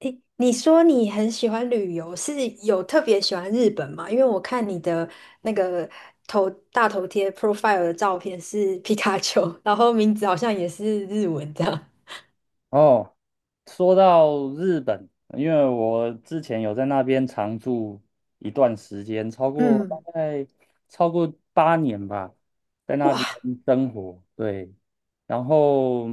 诶，你说你很喜欢旅游，是有特别喜欢日本吗？因为我看你的那个头大头贴 profile 的照片是 皮卡丘，然后名字好像也是日文这样。哦，说到日本。因为我之前有在那边常住一段时间，超过嗯。大概8年吧，在那哇。边生活。对。然后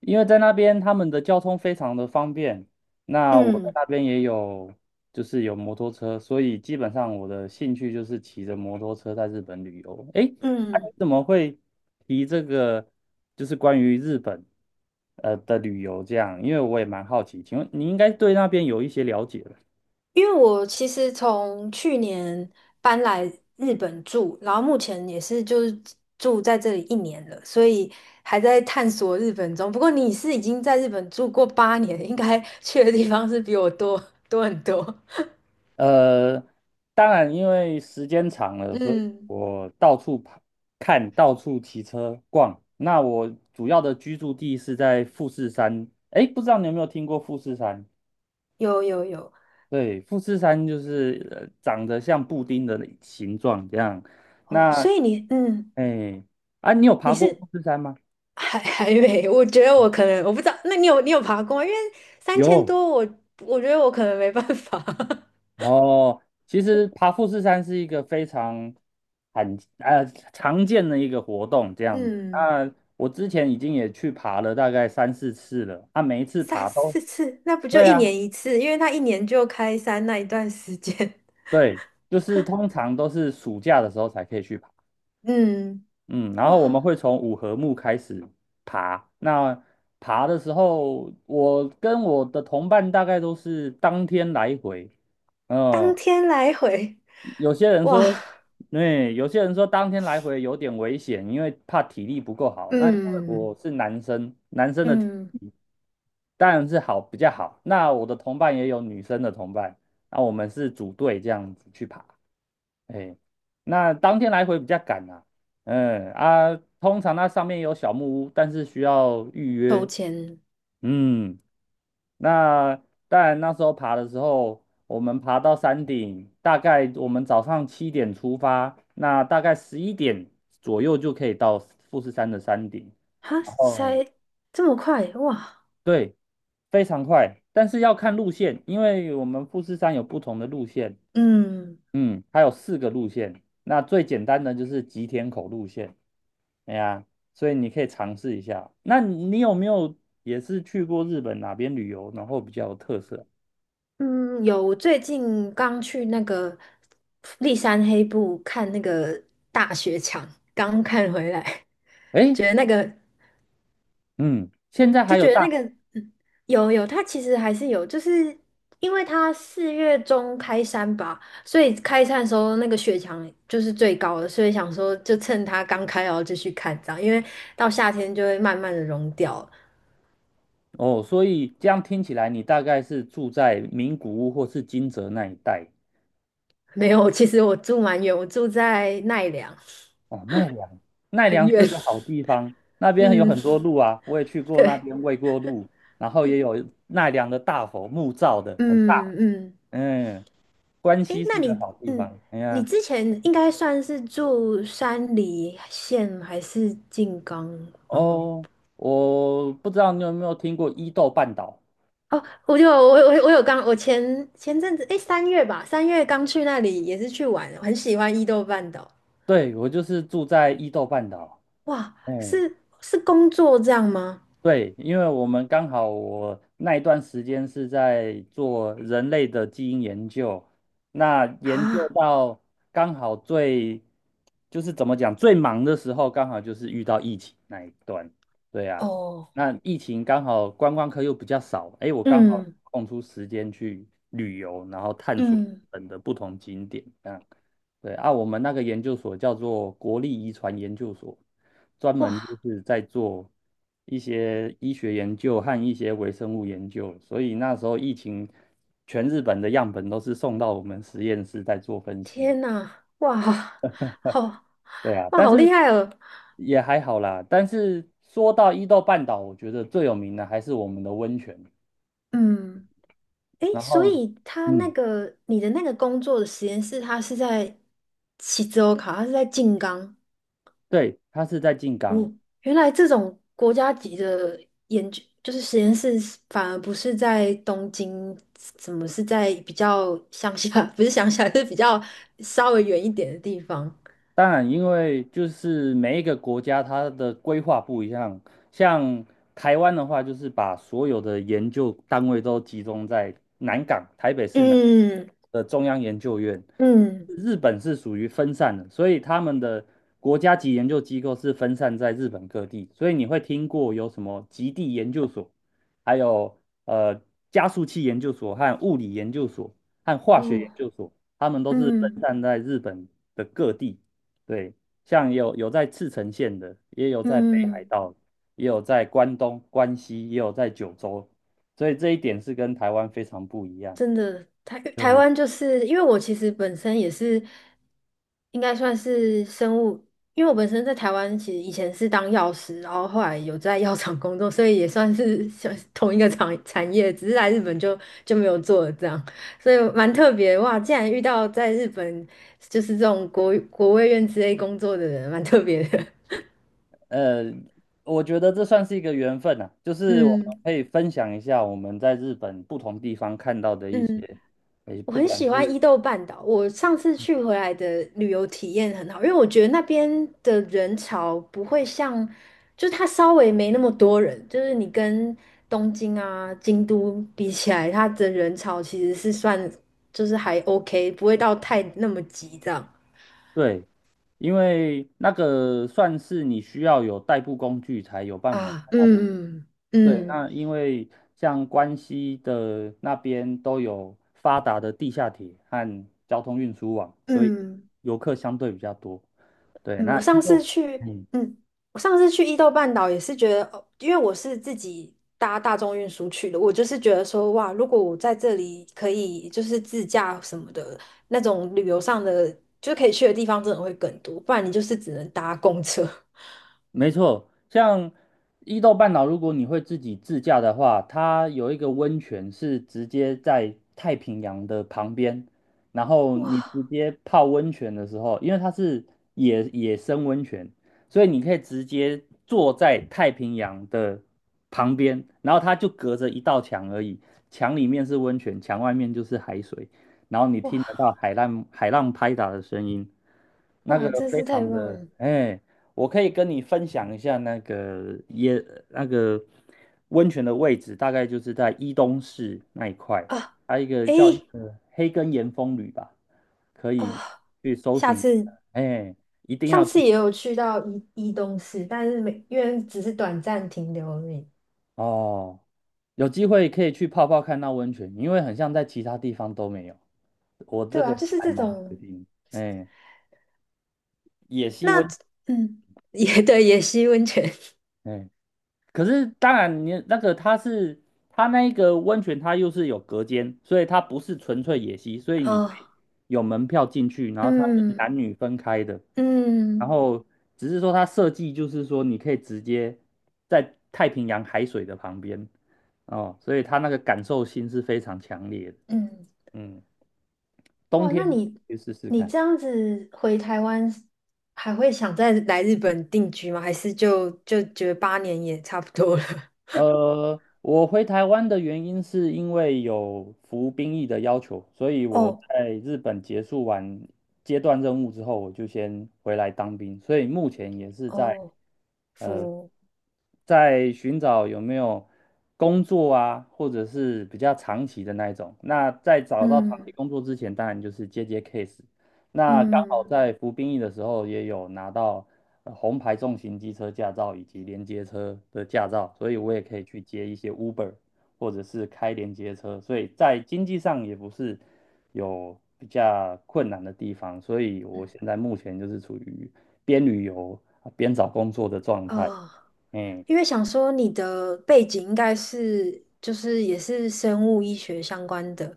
因为在那边他们的交通非常的方便，那我在嗯那边也有，就是有摩托车，所以基本上我的兴趣就是骑着摩托车在日本旅游。诶，你嗯。怎么会提这个？就是关于日本的旅游这样，因为我也蛮好奇，请问你应该对那边有一些了解吧？因为我其实从去年搬来日本住，然后目前也是就是住在这里一年了，所以还在探索日本中。不过你是已经在日本住过八年，应该去的地方是比我多很多。呃，当然，因为时间长了，所以嗯。我到处跑看，到处骑车逛。那我主要的居住地是在富士山。哎，不知道你有没有听过富士山？有有有。对，富士山就是长得像布丁的形状这样。哦，那，所以你哎，啊，你有你爬过是富士山吗？还没 我觉得我可能我不知道，那你有爬过吗？因为三千有。多我觉得我可能没办法。哦，其实爬富士山是一个非常很呃常见的一个活动，这样子。嗯。那我之前已经也去爬了大概3、4次了，啊，每一次三爬都，四次，那不就对一啊，年一次？因为他一年就开山那一段时间。对，就是通常都是暑假的时候才可以去爬，嗯。嗯，然后哇。我们会从五合目开始爬。那爬的时候，我跟我的同伴大概都是当天来回，当嗯，天来回。有些人哇。说，对，有些人说当天来回有点危险，因为怕体力不够好。那因为嗯我是男生，男生的嗯。当然是比较好。那我的同伴也有女生的同伴，那我们是组队这样子去爬。哎，那当天来回比较赶啊。嗯啊，通常那上面有小木屋，但是需要预抽约。签。嗯。那当然，那时候爬的时候，我们爬到山顶，大概我们早上7点出发，那大概11点左右就可以到富士山的山顶。哈哦，塞，这么快。哇。对，非常快，但是要看路线，因为我们富士山有不同的路线，嗯。嗯，它有4个路线，那最简单的就是吉田口路线。哎呀，所以你可以尝试一下。那你有没有也是去过日本哪边旅游，然后比较有特色？嗯，有，我最近刚去那个立山黑部看那个大雪墙，刚看回来，哎，觉得那个嗯，现在还就有觉得大那个嗯有有，它其实还是有，就是因为它4月中开山吧，所以开山的时候那个雪墙就是最高的，所以想说就趁它刚开然后就去看这样，因为到夏天就会慢慢的融掉了。哦，所以这样听起来，你大概是住在名古屋或是金泽那一带。没有，其实我住蛮远，我住在奈良，哦。奈良，奈很良远。是个 好地方，那边有嗯。很多路啊，我也去过那对。边喂过鹿，然后也有奈良的大佛，木造的，很大。嗯嗯。嗯，关诶，西那是个你，好地方。哎你呀，之前应该算是住山梨县还是静冈吗？哦，我不知道你有没有听过伊豆半岛？哦，我就我我我有刚，我前阵子，诶，三月刚去那里，也是去玩，很喜欢伊豆半岛。对，我就是住在伊豆半岛。哇，嗯。是工作这样吗？对，因为我们刚好我那一段时间是在做人类的基因研究，那研究啊。到刚好最，就是怎么讲，最忙的时候，刚好就是遇到疫情那一段。对啊，哦。那疫情刚好观光客又比较少，哎，我刚好嗯空出时间去旅游，然后探索日嗯。本的不同景点，这样。对啊，我们那个研究所叫做国立遗传研究所。专门就哇。是在做一些医学研究和一些微生物研究，所以那时候疫情，全日本的样本都是送到我们实验室在做分析。天呐。哇。好。对啊，哇，但好厉是害哦。也还好啦。但是说到伊豆半岛，我觉得最有名的还是我们的温泉。嗯。诶，然所后，以他那嗯，个你的那个工作的实验室，他是在西州考，他是在静冈。对，它是在静冈。哦，原来这种国家级的研究，就是实验室是反而不是在东京，怎么是在比较乡下？不是乡下，是比较稍微远一点的地方。当然，因为就是每一个国家它的规划不一样，像台湾的话，就是把所有的研究单位都集中在南港，台北市南嗯的中央研究院。嗯。日本是属于分散的，所以他们的国家级研究机构是分散在日本各地，所以你会听过有什么极地研究所，还有呃加速器研究所和物理研究所和化学研哦。究所，他们都是分嗯散在日本的各地。对，像有在赤城县的，也有在北海嗯。道，也有在关东、关西，也有在九州，所以这一点是跟台湾非常不一样。真的，台台对，湾就是因为我其实本身也是，应该算是生物，因为我本身在台湾其实以前是当药师，然后后来有在药厂工作，所以也算是像同一个产业，只是来日本就没有做了这样，所以蛮特别哇！竟然遇到在日本就是这种国卫院之类工作的人，蛮特别的。呃，我觉得这算是一个缘分啊，就 是我们嗯可以分享一下我们在日本不同地方看到的一嗯。些，诶，我不很管喜欢是伊豆半岛，我上次去回来的旅游体验很好，因为我觉得那边的人潮不会像，就是它稍微没那么多人，就是你跟东京啊、京都比起来，它的人潮其实是算就是还 OK,不会到太那么急这样。对，因为那个算是你需要有代步工具才有办法在啊。那边。嗯对，嗯那因为像关西的那边都有发达的地下铁和交通运输网，嗯。所以嗯游客相对比较多。对，嗯，那一个嗯，嗯，我上次去伊豆半岛也是觉得，哦，因为我是自己搭大众运输去的，我就是觉得说，哇，如果我在这里可以就是自驾什么的，那种旅游上的，就是可以去的地方真的会更多，不然你就是只能搭公车。没错，像伊豆半岛，如果你会自己自驾的话，它有一个温泉是直接在太平洋的旁边，然后哇你直接泡温泉的时候，因为它是野生温泉，所以你可以直接坐在太平洋的旁边，然后它就隔着一道墙而已，墙里面是温泉，墙外面就是海水，然后你听哇得到海浪拍打的声音，那个哇！真非是太常棒的，了哎、我可以跟你分享一下那个也那个温泉的位置，大概就是在伊东市那一块，啊！还有一个叫一诶个黑根岩风旅吧，可以啊，去搜下寻。次哎，一定上要次去也有去到伊东市，但是没因为只是短暂停留而已。哦，有机会可以去泡泡看那温泉，因为很像在其他地方都没有，我这对个啊，就是还这蛮确种定。哎，野溪那温，嗯，也对，也吸温泉。哎。可是当然你那个它那一个温泉，它又是有隔间，所以它不是纯粹野溪，所以你可哦。以有门票进去，然后它是嗯男女分开的，然嗯后只是说它设计就是说你可以直接在太平洋海水的旁边。哦，所以它那个感受性是非常强烈的，嗯。嗯，冬哇，天那可你以去试试你看。这样子回台湾，还会想再来日本定居吗？还是就觉得八年也差不多了？我回台湾的原因是因为有服兵役的要求，所以 我哦在日本结束完阶段任务之后，我就先回来当兵，所以目前也是在哦。呃，服。在寻找有没有工作啊，或者是比较长期的那一种。那在找到长期嗯工作之前，当然就是接 case。那刚好嗯在服兵役的时候也有拿到红牌重型机车驾照以及连接车的驾照，所以我也可以去接一些 Uber 或者是开连接车，所以在经济上也不是有比较困难的地方，所以我嗯。现在目前就是处于边旅游啊边找工作的状态。哦。嗯。因为想说你的背景应该是就是也是生物医学相关的，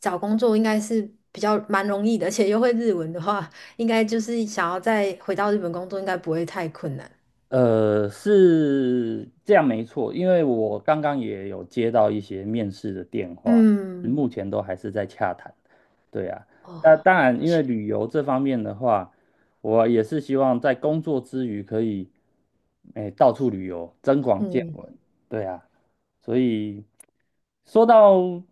找工作应该是比较蛮容易的，而且又会日文的话，应该就是想要再回到日本工作，应该不会太困难。是这样没错，因为我刚刚也有接到一些面试的电话，嗯。目前都还是在洽谈。对啊，哦。那当然，因为确旅游这方面的话，我也是希望在工作之余可以，哎，到处旅游，增广见嗯闻。对啊，所以说到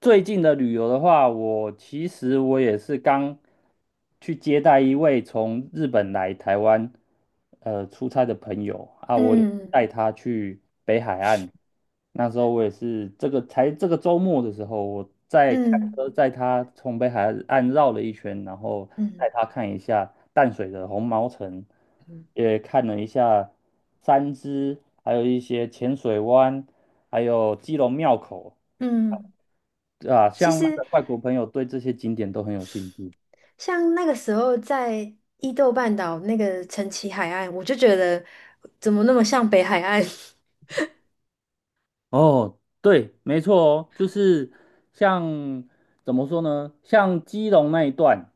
最近的旅游的话，我其实我也是刚去接待一位从日本来台湾出差的朋友啊，我也是嗯带他去北海岸。那时候我也是这个才这个周末的时候，我在开嗯车载他从北海岸绕了一圈，然后嗯带他看一下淡水的红毛城，嗯也看了一下三芝，还有一些浅水湾，还有基隆庙口嗯。啊，其像那实个外国朋友对这些景点都很有兴趣。像那个时候在伊豆半岛那个陈崎海岸，我就觉得怎么那么像北海岸？哦，对，没错哦，就是像怎么说呢？像基隆那一段，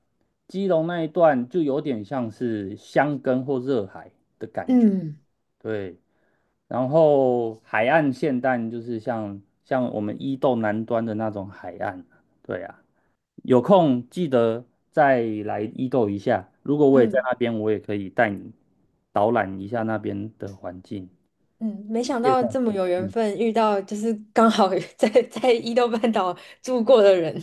基隆那一段就有点像是箱根或热海，嗯对。然后海岸线但就是像我们伊豆南端的那种海岸，对啊。有空记得再来伊豆一下。如果我也在嗯。那边，我也可以带你导览一下那边的环境。嗯，没谢想谢，到这么有缘嗯分，遇到就是刚好 在伊豆半岛住过的人。